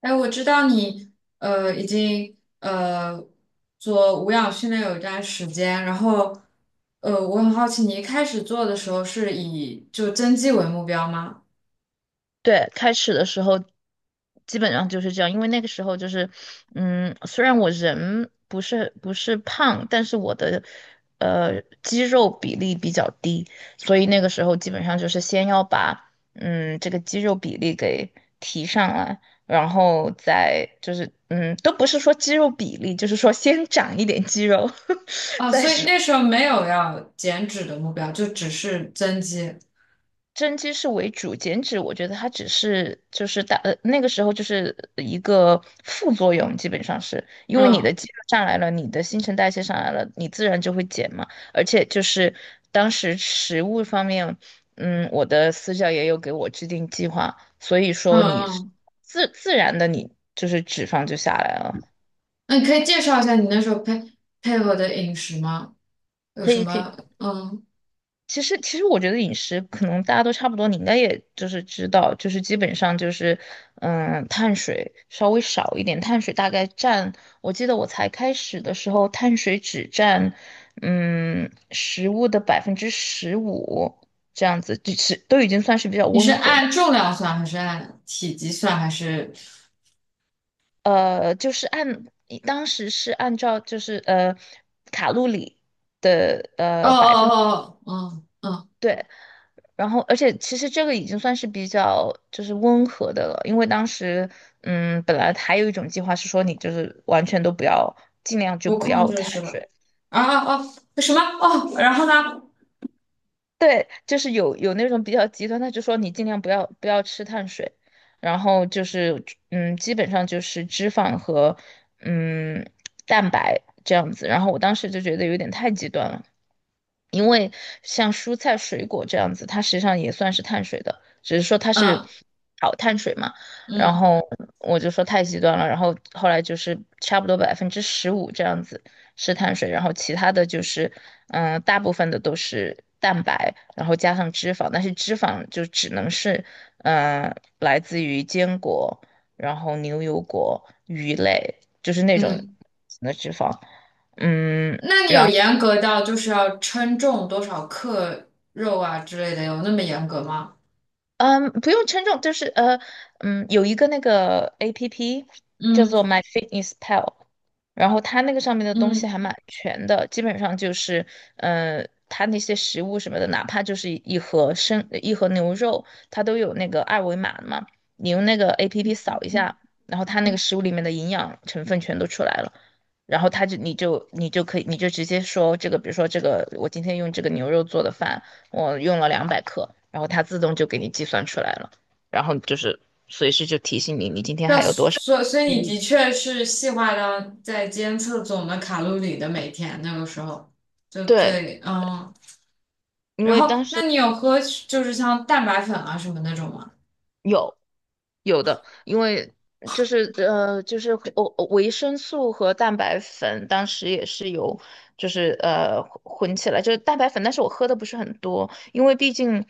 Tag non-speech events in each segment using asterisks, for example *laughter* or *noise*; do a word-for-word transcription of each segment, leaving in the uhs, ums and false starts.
哎，我知道你呃已经呃做无氧训练有一段时间，然后呃我很好奇，你一开始做的时候是以就增肌为目标吗？对，开始的时候基本上就是这样。因为那个时候就是，嗯，虽然我人不是不是胖，但是我的呃肌肉比例比较低，所以那个时候基本上就是先要把嗯这个肌肉比例给提上来。然后再就是嗯都不是说肌肉比例，就是说先长一点肌肉，*laughs* 啊，再所以说。那时候没有要减脂的目标，就只是增肌。增肌是为主，减脂我觉得它只是就是大呃那个时候就是一个副作用，基本上是因为你的嗯肌肉上来了，你的新陈代谢上来了，你自然就会减嘛。而且就是当时食物方面，嗯，我的私教也有给我制定计划，所以嗯说你嗯，自自然的你就是脂肪就下来了。那你可以介绍一下你那时候配配合的饮食吗？有可什以可以。么？嗯，其实，其实我觉得饮食可能大家都差不多，你应该也就是知道，就是基本上就是，嗯，碳水稍微少一点，碳水大概占，我记得我才开始的时候，碳水只占，嗯，食物的百分之十五这样子，就是都已经算是比较你是温和的。按重量算还是按体积算还是？呃，就是按当时是按照就是呃卡路里。哦哦哦，哦嗯嗯，对。然后，而且其实这个已经算是比较就是温和的了，因为当时，嗯，本来还有一种计划是说你就是完全都不要，尽量就不不控要制碳是吧？水。啊哦什么哦，然后呢？对，就是有有那种比较极端，他就说你尽量不要不要吃碳水，然后就是嗯，基本上就是脂肪和嗯蛋白这样子。然后我当时就觉得有点太极端了，因为像蔬菜水果这样子，它实际上也算是碳水的，只是说它是嗯好碳水嘛。然嗯后我就说太极端了，然后后来就是差不多百分之十五这样子。是碳水，然后其他的就是，嗯、大部分的都是蛋白，然后加上脂肪，但是脂肪就只能是，嗯、来自于坚果，然后牛油果、鱼类，就是那种嗯，的脂肪。嗯，那你有严格到就是要称重多少克肉啊之类的，有那么严格吗？嗯，不用称重，就是呃，嗯，有一个那个 A P P 叫嗯做 My Fitness Pal。然后它那个上面的东西嗯，还蛮全的，基本上就是，呃，它那些食物什么的，哪怕就是一盒生一盒牛肉，它都有那个二维码的嘛，你用那个 A P P 扫一下，然后它那个食物里面的营养成分全都出来了。然后它就你就你就可以你就直接说这个，比如说这个我今天用这个牛肉做的饭，我用了两百克，然后它自动就给你计算出来了，然后就是随时就提醒你，你今天那还有多少所所以余你的力。确是细化到在监测总的卡路里的每天那个时候，就对，最嗯，因然为当后时。那你有喝就是像蛋白粉啊什么那种吗？有有的，因为就是呃就是我维生素和蛋白粉当时也是有就是呃混起来，就是蛋白粉，但是我喝的不是很多，因为毕竟。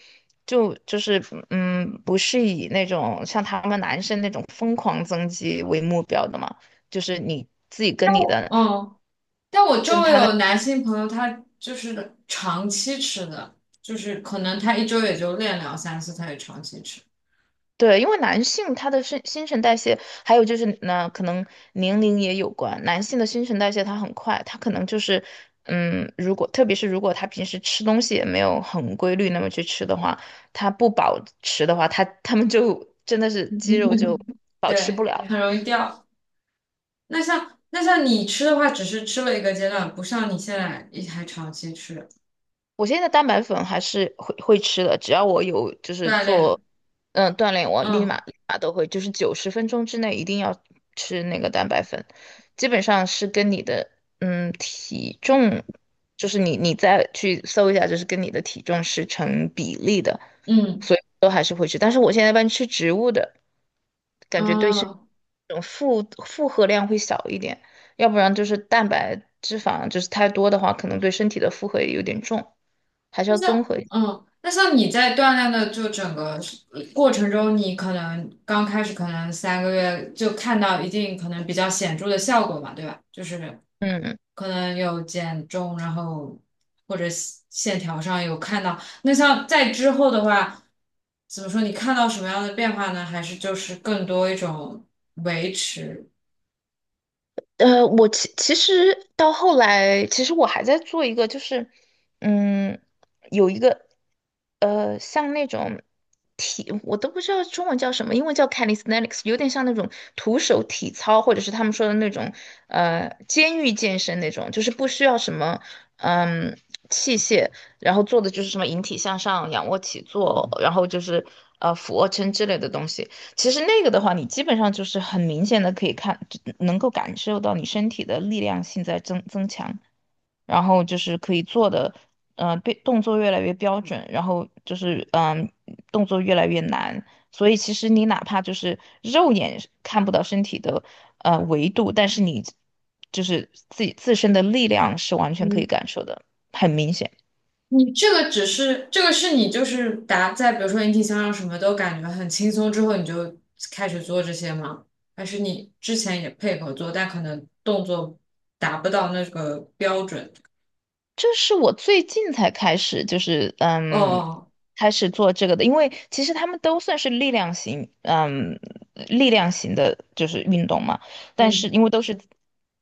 就就是嗯，不是以那种像他们男生那种疯狂增肌为目标的嘛。就是你自己跟你的嗯。但我周跟围他的。有男性朋友，他就是长期吃的，就是可能他一周也就练两三次，他也长期吃，对，因为男性他的新新陈代谢，还有就是呢，可能年龄也有关。男性的新陈代谢他很快，他可能就是嗯，如果特别是如果他平时吃东西也没有很规律，那么去吃的话，他不保持的话，他他们就真的是肌肉就保持不对，了。很容易掉。那像那像你吃的话，只是吃了一个阶段，不像你现在也还长期吃我现在蛋白粉还是会会吃的，只要我有就是锻做炼，嗯锻炼，我立嗯马立马都会，就是九十分钟之内一定要吃那个蛋白粉，基本上是跟你的嗯体重，就是你你再去搜一下，就是跟你的体重是成比例的。嗯所以都还是会吃，但是我现在一般吃植物的，感觉对身嗯，这种负负荷量会小一点，要不然就是蛋白。脂肪就是太多的话，可能对身体的负荷也有点重。还是那要像综合一下。嗯。那像你在锻炼的就整个过程中，你可能刚开始可能三个月就看到一定可能比较显著的效果嘛，对吧？就是嗯，可能有减重，然后或者线线条上有看到。那像在之后的话，怎么说？你看到什么样的变化呢？还是就是更多一种维持？呃，我其其实到后来，其实我还在做一个，就是嗯，有一个呃，像那种体，我都不知道中文叫什么，英文叫 calisthenics，有点像那种徒手体操，或者是他们说的那种呃监狱健身那种，就是不需要什么嗯器械，然后做的就是什么引体向上、仰卧起坐，然后就是呃俯卧撑之类的东西。其实那个的话，你基本上就是很明显的可以看，就能够感受到你身体的力量性在增增强，然后就是可以做的，呃，对，动作越来越标准，然后就是嗯、动作越来越难。所以其实你哪怕就是肉眼是看不到身体的呃维度，但是你就是自己自身的力量是完全可嗯，以感受的，很明显。你这个只是这个是你就是达在比如说引体向上什么都感觉很轻松之后，你就开始做这些吗？还是你之前也配合做，但可能动作达不到那个标准？这是我最近才开始，就是嗯，哦，开始做这个的，因为其实他们都算是力量型。嗯，力量型的就是运动嘛。但是嗯因为都是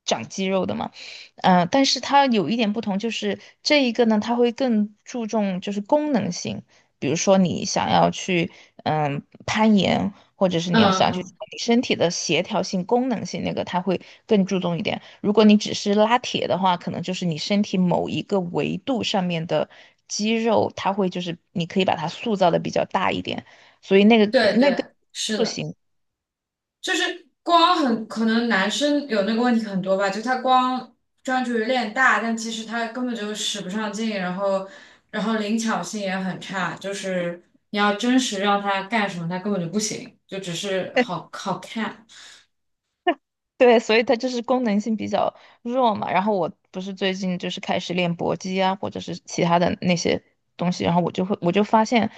长肌肉的嘛。嗯、但是它有一点不同，就是这一个呢，它会更注重就是功能性，比如说你想要去嗯攀岩，或者是你嗯要想去做嗯，你身体的协调性、功能性那个，它会更注重一点。如果你只是拉铁的话，可能就是你身体某一个维度上面的肌肉，它会就是你可以把它塑造的比较大一点，所以那个对那个。对，是塑的。形。就是光很可能男生有那个问题很多吧，就他光专注于练大，但其实他根本就使不上劲，然后然后灵巧性也很差，就是你要真实让他干什么，他根本就不行，就只是好好看。对，所以它就是功能性比较弱嘛。然后我不是最近就是开始练搏击啊，或者是其他的那些东西，然后我就会我就发现，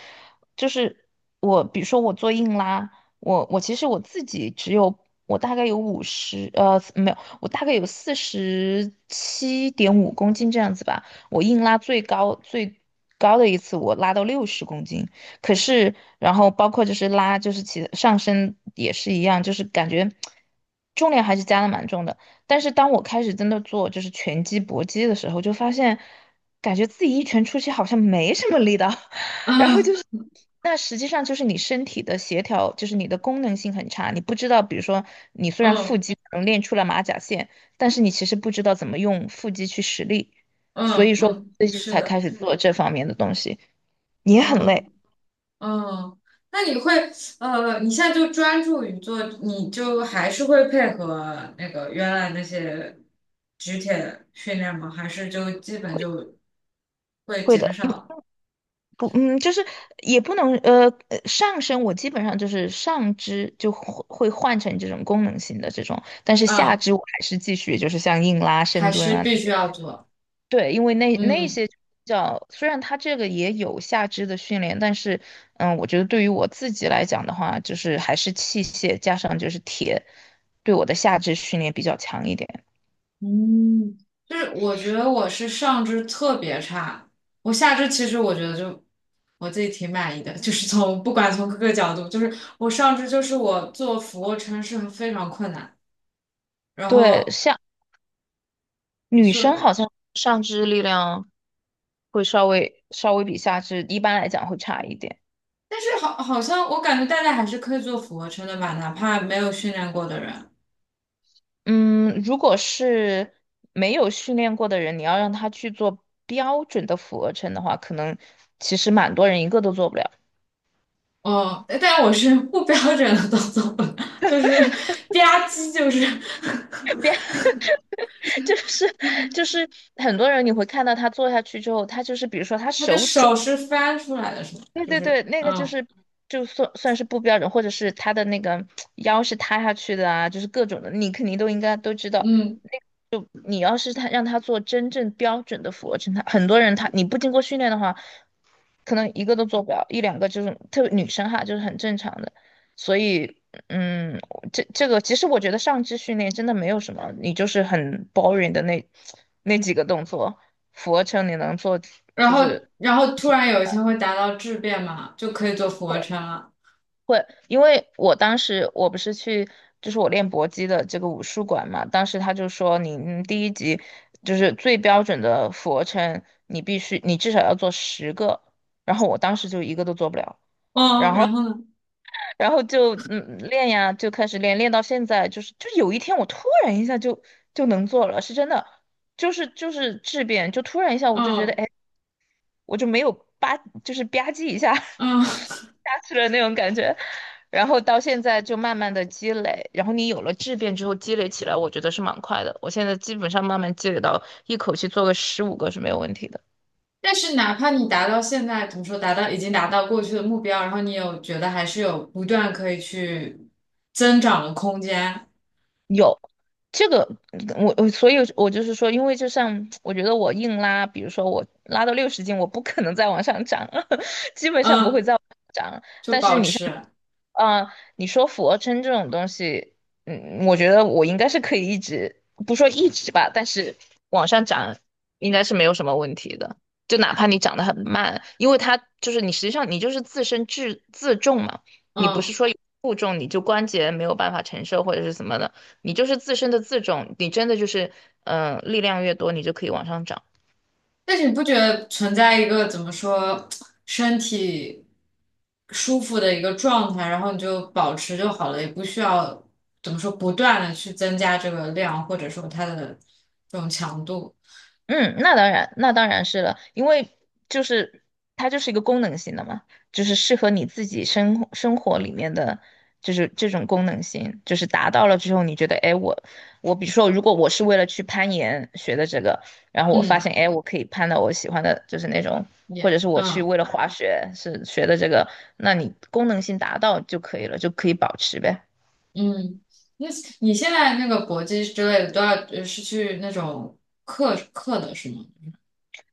就是我比如说我做硬拉，我我其实我自己只有我大概有五十呃没有，我大概有四十七点五公斤这样子吧。我硬拉最高最高的一次我拉到六十公斤。可是，然后包括就是拉，就是其上身也是一样，就是感觉重量还是加的蛮重的。但是当我开始真的做就是拳击、搏击的时候，就发现感觉自己一拳出去好像没什么力道，*laughs* 然后就 *laughs* 是嗯那实际上就是你身体的协调，就是你的功能性很差，你不知道，比如说你虽然腹嗯肌可能练出了马甲线，但是你其实不知道怎么用腹肌去使力，所嗯以说嗯，最近是才的，开始做这方面的东西，也很累。嗯。嗯，那你会呃，你现在就专注于做，你就还是会配合那个原来那些举铁训练吗？还是就基本会就会会减的，少？不，嗯，就是也不能，呃，呃上身我基本上就是上肢就会会换成这种功能性的这种，但是下嗯，肢我还是继续就是像硬拉、还深蹲是啊必那须些。要做。对，因为那那嗯些叫虽然它这个也有下肢的训练，但是，嗯，我觉得对于我自己来讲的话，就是还是器械加上就是铁，对我的下肢训练比较强一点。嗯，就是我觉得我是上肢特别差，我下肢其实我觉得就我自己挺满意的，就是从不管从各个角度，就是我上肢就是我做俯卧撑是非常困难。然对，后像女生所好像上肢力量会稍微稍微比下肢一般来讲会差一点。但是好，好像我感觉大家还是可以做俯卧撑的吧，哪怕没有训练过的人。嗯，如果是没有训练过的人，你要让他去做标准的俯卧撑的话，可能其实蛮多人一个都做不了。哦，但我是不标准的动作，就是 *laughs* 吧唧，就是 *laughs* *laughs* 就是就是很多人你会看到他做下去之后，他就是比如说他他的手肿，手是翻出来的，是吗？对就对对，是那个就嗯是就算算是不标准，或者是他的那个腰是塌下去的啊，就是各种的，你肯定都应该都知道。嗯，你要是他让他做真正标准的俯卧撑，他很多人他你不经过训练的话，可能一个都做不了，一两个就是特别女生哈，就是很正常的。所以，嗯，这这个其实我觉得上肢训练真的没有什么，你就是很 boring 的那那几个动作，俯卧撑你能做然就后是。然后突然有一天会达到质变嘛，就可以做俯卧撑了。会，因为我当时我不是去，就是我练搏击的这个武术馆嘛，当时他就说你嗯第一集就是最标准的俯卧撑，你必须你至少要做十个，然后我当时就一个都做不了，嗯，然后呢？然后就嗯练呀，就开始练，练到现在就是就有一天我突然一下就就能做了，是真的，就是就是质变，就突然一下我就觉得嗯哎我就没有吧，就是吧唧一下 *laughs* 下嗯，去了那种感觉。然后到现在就慢慢的积累，然后你有了质变之后积累起来，我觉得是蛮快的。我现在基本上慢慢积累到一口气做个十五个是没有问题的。但是哪怕你达到现在，怎么说，达到已经达到过去的目标，然后你有觉得还是有不断可以去增长的空间，有这个，我我所以，我就是说，因为就像我觉得我硬拉，比如说我拉到六十斤，我不可能再往上涨，*laughs* 基本上不会嗯，再往上涨就但是保你像。持，嗯，你说俯卧撑这种东西，嗯，我觉得我应该是可以一直，不说一直吧，但是往上涨应该是没有什么问题的。就哪怕你长得很慢，因为它就是你实际上你就是自身自自重嘛，你不是嗯。说有负重你就关节没有办法承受或者是什么的，你就是自身的自重，你真的就是嗯、呃力量越多，你就可以往上涨。但是你不觉得存在一个怎么说，身体舒服的一个状态，然后你就保持就好了，也不需要怎么说不断的去增加这个量，或者说它的这种强度，嗯，那当然，那当然是了，因为就是它就是一个功能性的嘛，就是适合你自己生活生活里面的，就是这种功能性，就是达到了之后，你觉得，哎，我我比如说，如果我是为了去攀岩学的这个，然后我发嗯，现，哎，我可以攀到我喜欢的，就是那种，或也，者是我去嗯。为了滑雪是学的这个，那你功能性达到就可以了，就可以保持呗。嗯，那你现在那个搏击之类的都要呃是去那种课课的是吗？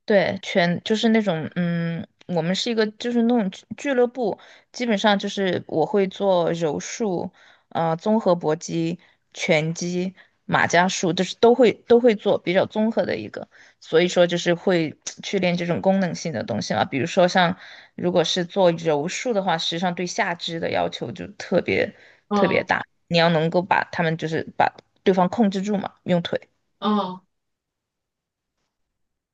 对，全就是那种，嗯，我们是一个就是那种俱俱乐部，基本上就是我会做柔术，呃，综合搏击、拳击、马家术，就是都会都会做，比较综合的一个。所以说就是会去练这种功能性的东西嘛，比如说像如果是做柔术的话，实际上对下肢的要求就特别特别嗯大，你要能够把他们就是把对方控制住嘛，用腿。嗯，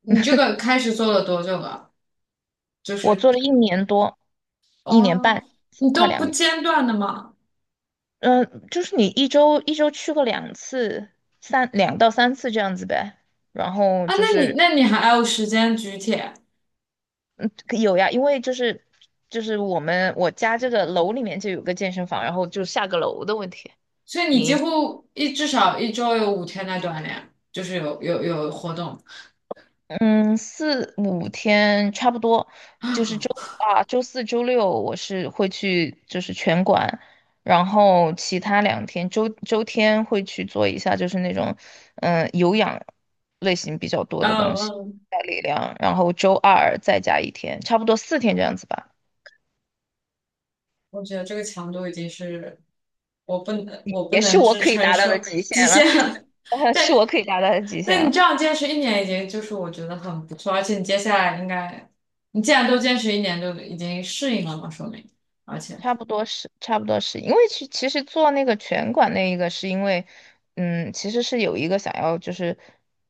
你这个开始做了多久了？就我是做了一年多，一年哦，半，你快都不两年。间断的吗？嗯，就是你一周一周去过两次，三两到三次这样子呗。然后啊，就那你是那你还有时间举铁，有呀，因为就是就是我们我家这个楼里面就有个健身房，然后就下个楼的问题。所以你几你。乎一至少一周有五天在锻炼，就是有有有活动 *laughs*。嗯，四五天差不多，*gasps* 就是嗯周啊，周四周六我是会去就是拳馆，然后其他两天周周天会去做一下就是那种嗯、呃有氧类型比较多的东西，嗯，带力量，然后周二再加一天，差不多四天这样子吧，我觉得这个强度已经是我不能我不也是能我支可以撑达到的受极极限了，限了。*laughs* *laughs* 是对，我可以达到的极对限你了。这样坚持一年已经就是我觉得很不错，而且你接下来应该，你既然都坚持一年，就已经适应了嘛，说明，而且，差不多是，差不多是，因为其其实做那个拳馆那一个，是因为，嗯，其实是有一个想要就是，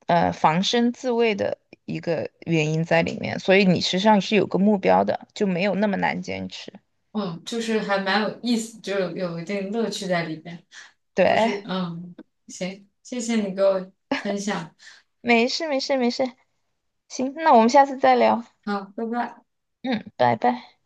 呃，防身自卫的一个原因在里面，所以你实际上是有个目标的，就没有那么难坚持。嗯，就是还蛮有意思，就有有一定乐趣在里边，对，不是，哎嗯，行，谢谢你给我分享，没事没事没事，行，那我们下次再聊，好，拜拜。嗯，拜拜。